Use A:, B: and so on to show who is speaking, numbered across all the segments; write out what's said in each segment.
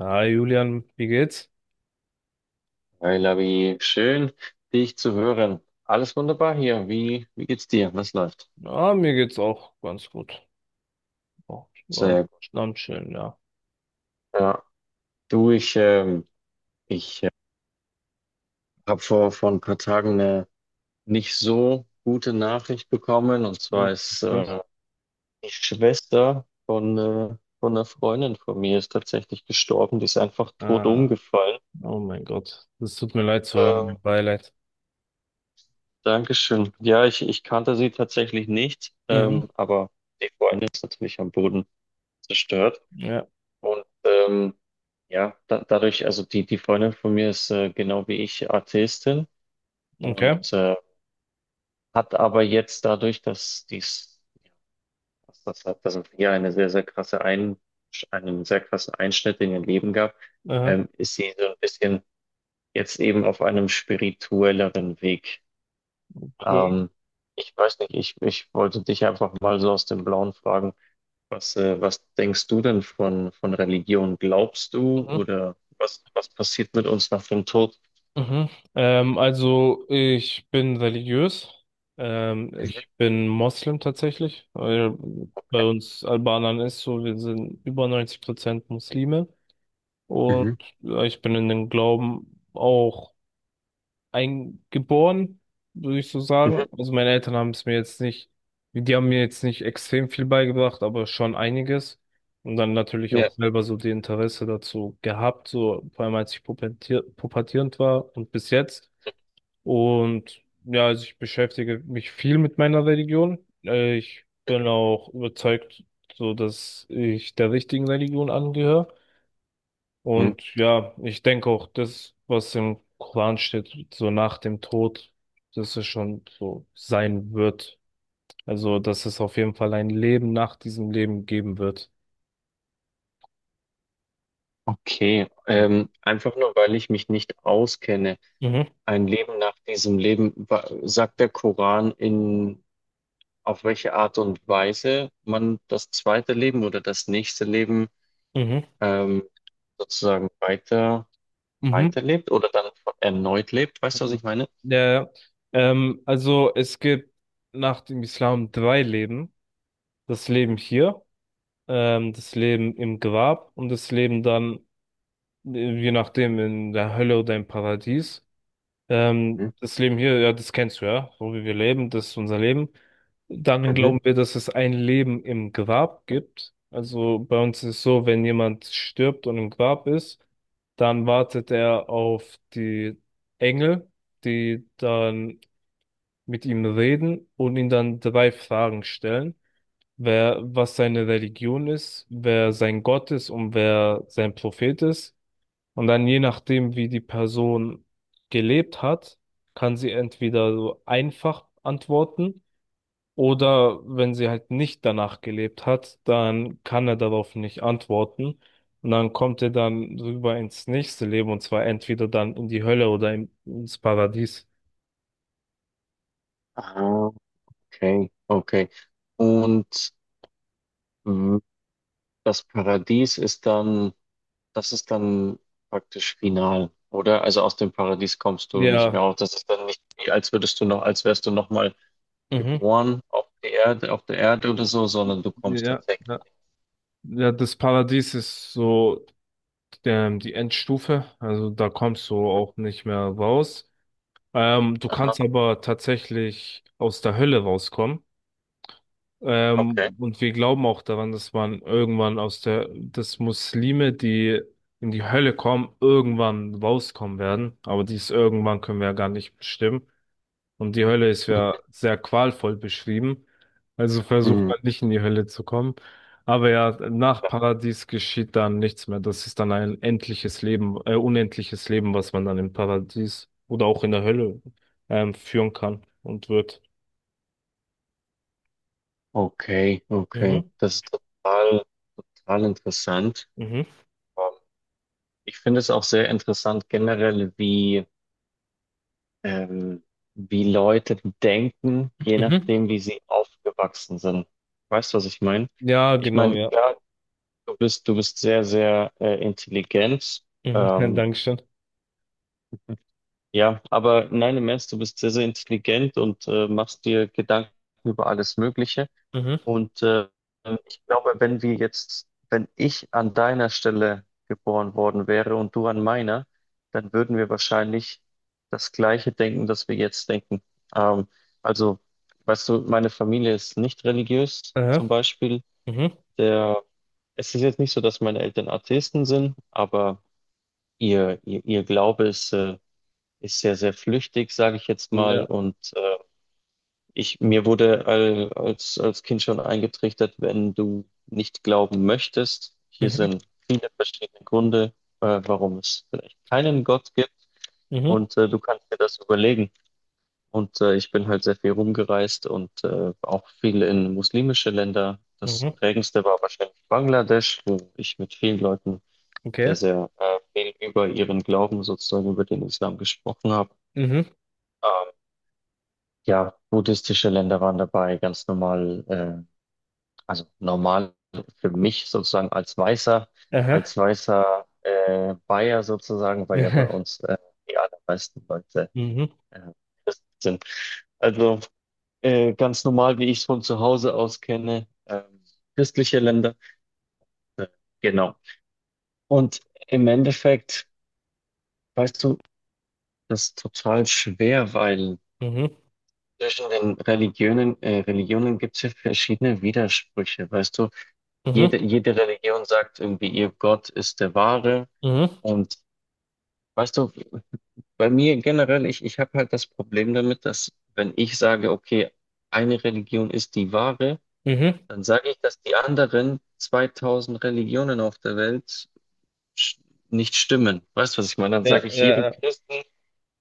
A: Hi Julian, wie geht's?
B: Hi Labi, schön, dich zu hören. Alles wunderbar hier. Wie geht's dir? Was läuft?
A: Ah, mir geht's auch ganz gut. Auch ähm,
B: Sehr gut.
A: am Chillen, ja.
B: Ja. Du, ich habe vor ein paar Tagen eine nicht so gute Nachricht bekommen. Und
A: Hm,
B: zwar ist
A: was los?
B: äh, die Schwester von einer Freundin von mir ist tatsächlich gestorben. Die ist einfach tot
A: Ah,
B: umgefallen.
A: oh mein Gott, das tut mir leid zu hören,
B: Ähm,
A: mein Beileid.
B: Dankeschön. Ja, ich kannte sie tatsächlich nicht,
A: Mhm,
B: aber die Freundin ist natürlich am Boden zerstört.
A: ja,
B: Und ähm, ja, dadurch, also die Freundin von mir ist genau wie ich Atheistin und
A: okay.
B: äh, hat aber jetzt dadurch, dass dies, dass das halt, dass es hier eine sehr, sehr krasse einen sehr krassen Einschnitt in ihr Leben gab,
A: Aha,
B: ist sie so ein bisschen jetzt eben auf einem spirituelleren Weg.
A: okay.
B: Ähm, ich weiß nicht, ich wollte dich einfach mal so aus dem Blauen fragen. Was denkst du denn von Religion? Glaubst du
A: Mhm,
B: oder was passiert mit uns nach dem Tod?
A: mhm. Also ich bin religiös.
B: Mhm.
A: Ich bin Moslem tatsächlich. Weil Bei
B: Okay.
A: uns Albanern ist so, wir sind über 90% Muslime. Und
B: Mhm.
A: ich bin in dem Glauben auch eingeboren, würde ich so
B: Mhm.
A: sagen. Also meine Eltern haben es mir jetzt nicht, die haben mir jetzt nicht extrem viel beigebracht, aber schon einiges. Und dann natürlich auch
B: Ja.
A: selber so die Interesse dazu gehabt, so vor allem als ich pubertierend war und bis jetzt. Und ja, also ich beschäftige mich viel mit meiner Religion. Ich bin auch überzeugt, so dass ich der richtigen Religion angehöre.
B: Mhm.
A: Und ja, ich denke auch, das, was im Koran steht, so nach dem Tod, dass es schon so sein wird. Also, dass es auf jeden Fall ein Leben nach diesem Leben geben wird.
B: Okay.
A: Mhm,
B: Einfach nur, weil ich mich nicht auskenne.
A: mhm,
B: Ein Leben nach diesem Leben, sagt der Koran, auf welche Art und Weise man das zweite Leben oder das nächste Leben
A: mhm.
B: ähm, sozusagen weiter,
A: Mhm.
B: weiterlebt oder dann erneut lebt? Weißt du, was ich meine?
A: Ja, ja. Also es gibt nach dem Islam 3 Leben. Das Leben hier, das Leben im Grab und das Leben dann, je nachdem, in der Hölle oder im Paradies.
B: Mhm.
A: Das Leben hier, ja, das kennst du ja, so wie wir leben, das ist unser Leben. Dann
B: Mhm.
A: glauben wir, dass es ein Leben im Grab gibt. Also bei uns ist es so, wenn jemand stirbt und im Grab ist, dann wartet er auf die Engel, die dann mit ihm reden und ihn dann 3 Fragen stellen. Wer, was seine Religion ist, wer sein Gott ist und wer sein Prophet ist. Und dann je nachdem, wie die Person gelebt hat, kann sie entweder so einfach antworten oder wenn sie halt nicht danach gelebt hat, dann kann er darauf nicht antworten. Und dann kommt er dann rüber ins nächste Leben und zwar entweder dann in die Hölle oder ins Paradies.
B: Ah, okay, okay. Und mh, das Paradies ist dann, das ist dann praktisch final, oder? Also aus dem Paradies kommst du nicht mehr
A: Ja,
B: raus. Das ist dann nicht wie, als würdest du noch, als wärst du nochmal
A: mhm.
B: geboren auf der Erde oder so, sondern du kommst
A: Ja,
B: tatsächlich.
A: ja. Ja, das Paradies ist so die Endstufe. Also da kommst du auch nicht mehr raus. Du kannst
B: Aha,
A: aber tatsächlich aus der Hölle rauskommen.
B: okay.
A: Und wir glauben auch daran, dass man irgendwann aus dass Muslime, die in die Hölle kommen, irgendwann rauskommen werden. Aber dies irgendwann können wir ja gar nicht bestimmen. Und die Hölle ist ja sehr qualvoll beschrieben. Also versucht
B: Mhm.
A: man nicht in die Hölle zu kommen. Aber ja, nach Paradies geschieht dann nichts mehr. Das ist dann ein endliches Leben, unendliches Leben, was man dann im Paradies oder auch in der Hölle, führen kann und wird.
B: Okay, okay.
A: Mhm,
B: Das ist total interessant.
A: mhm,
B: Ähm, Ich finde es auch sehr interessant generell, wie ähm, wie Leute denken, je
A: mhm.
B: nachdem, wie sie aufgewachsen sind. Weißt du, was ich meine?
A: Ja,
B: Ich
A: genau,
B: meine,
A: ja.
B: klar, du bist sehr, sehr intelligent.
A: Mhm, ja,
B: Ähm,
A: Dankeschön.
B: ja, aber nein, im Ernst, du bist sehr, sehr intelligent und machst dir Gedanken über alles Mögliche.
A: Mhm,
B: Und ich glaube, wenn wir jetzt, wenn ich an deiner Stelle geboren worden wäre und du an meiner, dann würden wir wahrscheinlich das Gleiche denken, das wir jetzt denken. Ähm, also, weißt du, meine Familie ist nicht religiös,
A: aha,
B: zum Beispiel.
A: mhm,
B: Der, es ist jetzt nicht so, dass meine Eltern Atheisten sind, aber ihr Glaube ist ist sehr, sehr flüchtig, sage ich jetzt mal.
A: ja,
B: Und mir wurde als Kind schon eingetrichtert, wenn du nicht glauben möchtest, hier
A: mhm,
B: sind viele verschiedene Gründe, warum es vielleicht keinen Gott gibt
A: mhm,
B: und du kannst dir das überlegen. Und ich bin halt sehr viel rumgereist und auch viel in muslimische Länder. Das
A: mhm,
B: prägendste war wahrscheinlich Bangladesch, wo ich mit vielen Leuten
A: okay,
B: sehr, sehr viel über ihren Glauben sozusagen, über den Islam gesprochen habe.
A: mhm,
B: Ähm, ja, buddhistische Länder waren dabei, ganz normal, also normal für mich sozusagen als
A: aha,
B: als weißer Bayer sozusagen, weil ja bei
A: mhm,
B: uns die allermeisten Leute
A: mhm,
B: äh, sind. Also ganz normal, wie ich es von zu Hause aus kenne, christliche Länder. Äh, genau. Und im Endeffekt, weißt du, das ist total schwer, weil
A: mhm,
B: zwischen den Religionen gibt es ja verschiedene Widersprüche. Weißt du,
A: mhm,
B: jede Religion sagt irgendwie, ihr Gott ist der wahre.
A: mhm.
B: Und weißt du, bei mir generell, ich habe halt das Problem damit, dass wenn ich sage, okay, eine Religion ist die wahre,
A: Mhm.
B: dann sage ich, dass die anderen 2000 Religionen auf der Welt sch- nicht stimmen. Weißt du, was ich meine? Dann
A: Ja,
B: sage ich
A: ja,
B: jedem
A: ja.
B: Christen,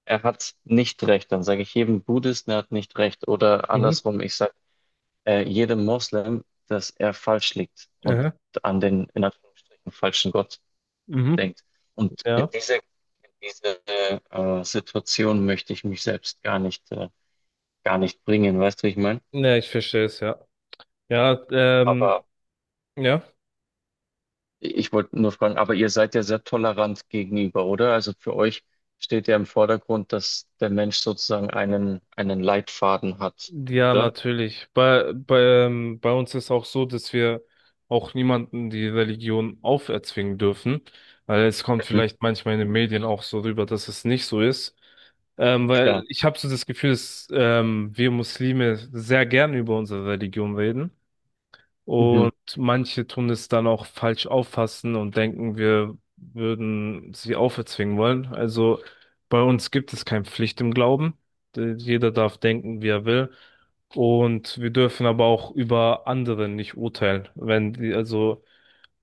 B: er hat nicht recht. Dann sage ich jedem Buddhisten, er hat nicht recht. Oder
A: Mhm.
B: andersrum, ich sage jedem Moslem, dass er falsch liegt und
A: Aha.
B: an den, in Anführungsstrichen, falschen Gott
A: Mhm.
B: denkt. Und in
A: Ja.
B: diese Situation möchte ich mich selbst gar nicht bringen, weißt du, wie ich meine?
A: Ja, ich verstehe es, ja. Ja,
B: Aber
A: ja.
B: ich wollte nur fragen, aber ihr seid ja sehr tolerant gegenüber, oder? Also für euch steht ja im Vordergrund, dass der Mensch sozusagen einen Leitfaden hat,
A: Ja,
B: oder?
A: natürlich. Bei, bei uns ist auch so, dass wir auch niemanden die Religion auferzwingen dürfen. Weil es kommt
B: Mhm,
A: vielleicht manchmal in den Medien auch so rüber, dass es nicht so ist. Weil
B: klar.
A: ich habe so das Gefühl, dass wir Muslime sehr gern über unsere Religion reden.
B: Mhm,
A: Und manche tun es dann auch falsch auffassen und denken, wir würden sie auferzwingen wollen. Also bei uns gibt es keine Pflicht im Glauben. Jeder darf denken, wie er will. Und wir dürfen aber auch über andere nicht urteilen. Wenn die, also,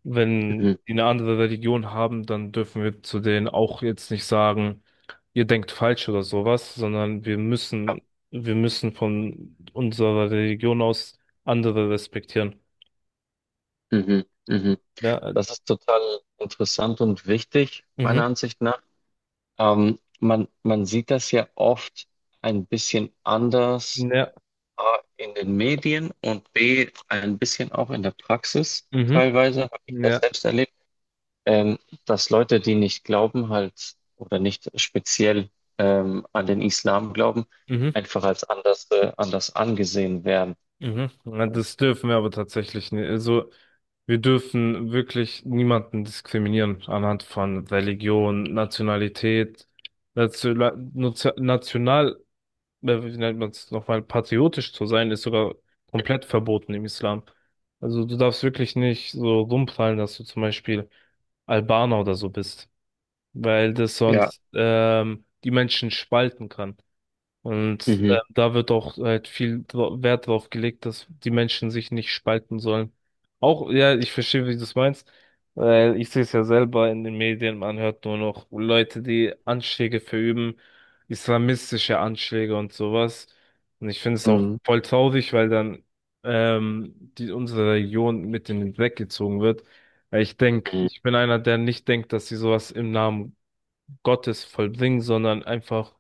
A: wenn
B: mhm,
A: die eine andere Religion haben, dann dürfen wir zu denen auch jetzt nicht sagen, ihr denkt falsch oder sowas, sondern
B: klar.
A: wir müssen von unserer Religion aus andere respektieren.
B: Mhm, mhm.
A: Ja,
B: Das ist total interessant und wichtig, meiner
A: Mhm.
B: Ansicht nach. Man sieht das ja oft ein bisschen anders
A: ja,
B: A, in den Medien und B, ein bisschen auch in der Praxis.
A: Mhm.
B: Teilweise habe ich das
A: ja.
B: selbst erlebt, ähm, dass Leute, die nicht glauben, halt oder nicht speziell an den Islam glauben,
A: Mhm.
B: einfach als anders, anders angesehen werden.
A: Mhm. Ja, das dürfen wir aber tatsächlich nicht. Also wir dürfen wirklich niemanden diskriminieren anhand von Religion, Nationalität, National, national, wie nennt man es nochmal, patriotisch zu sein, ist sogar komplett verboten im Islam. Also du darfst wirklich nicht so rumprallen, dass du zum Beispiel Albaner oder so bist, weil das
B: Ja.
A: sonst die Menschen spalten kann. Und
B: Mhm.
A: da wird auch halt viel Wert drauf gelegt, dass die Menschen sich nicht spalten sollen. Auch, ja, ich verstehe, wie du es meinst, weil ich sehe es ja selber in den Medien, man hört nur noch Leute, die Anschläge verüben, islamistische Anschläge und sowas. Und ich finde es auch
B: Mhm.
A: voll traurig, weil dann unsere Region mit in den Dreck gezogen wird. Weil ich denke,
B: Mhm.
A: ich bin einer, der nicht denkt, dass sie sowas im Namen Gottes vollbringen, sondern einfach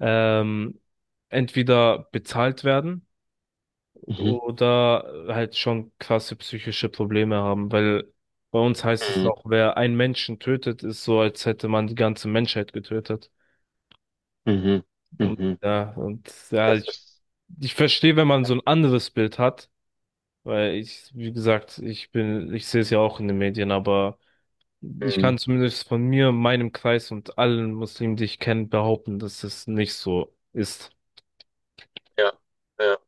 A: ähm, entweder bezahlt werden
B: Mhm.
A: oder halt schon krasse psychische Probleme haben, weil bei uns heißt es
B: Mhm.
A: noch, wer einen Menschen tötet, ist so, als hätte man die ganze Menschheit getötet.
B: Mhm.
A: Und
B: Mhm.
A: ja, und ja,
B: Das
A: ich,
B: ist,
A: ich verstehe, wenn man so ein anderes Bild hat, weil wie gesagt, ich sehe es ja auch in den Medien, aber ich
B: mhm,
A: kann zumindest von mir, meinem Kreis und allen Muslimen, die ich kenne, behaupten, dass es nicht so ist.
B: ja, ja.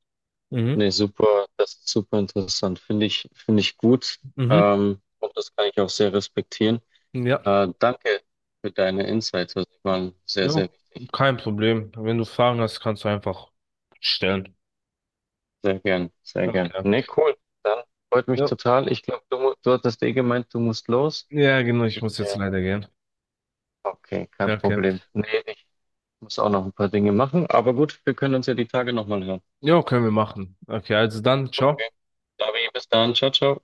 A: Mhm.
B: Nee, super, das ist super interessant. Finde ich gut.
A: Mhm.
B: Und das kann ich auch sehr respektieren.
A: Ja.
B: Danke für deine Insights. Also, die waren sehr,
A: Ja,
B: sehr wichtig.
A: kein Problem. Wenn du Fragen hast, kannst du einfach stellen.
B: Sehr gern, sehr gern.
A: Okay.
B: Nee, cool. Dann freut mich
A: Ja,
B: total. Ich glaube, du hattest eh gemeint, du musst los.
A: ja, genau, ich
B: Ich,
A: muss jetzt
B: äh,
A: leider gehen.
B: okay, kein
A: Okay.
B: Problem. Nee, ich muss auch noch ein paar Dinge machen. Aber gut, wir können uns ja die Tage nochmal hören.
A: Ja, können wir machen. Okay, also dann, ciao.
B: Okay. Davi, bis dann. Ciao, ciao.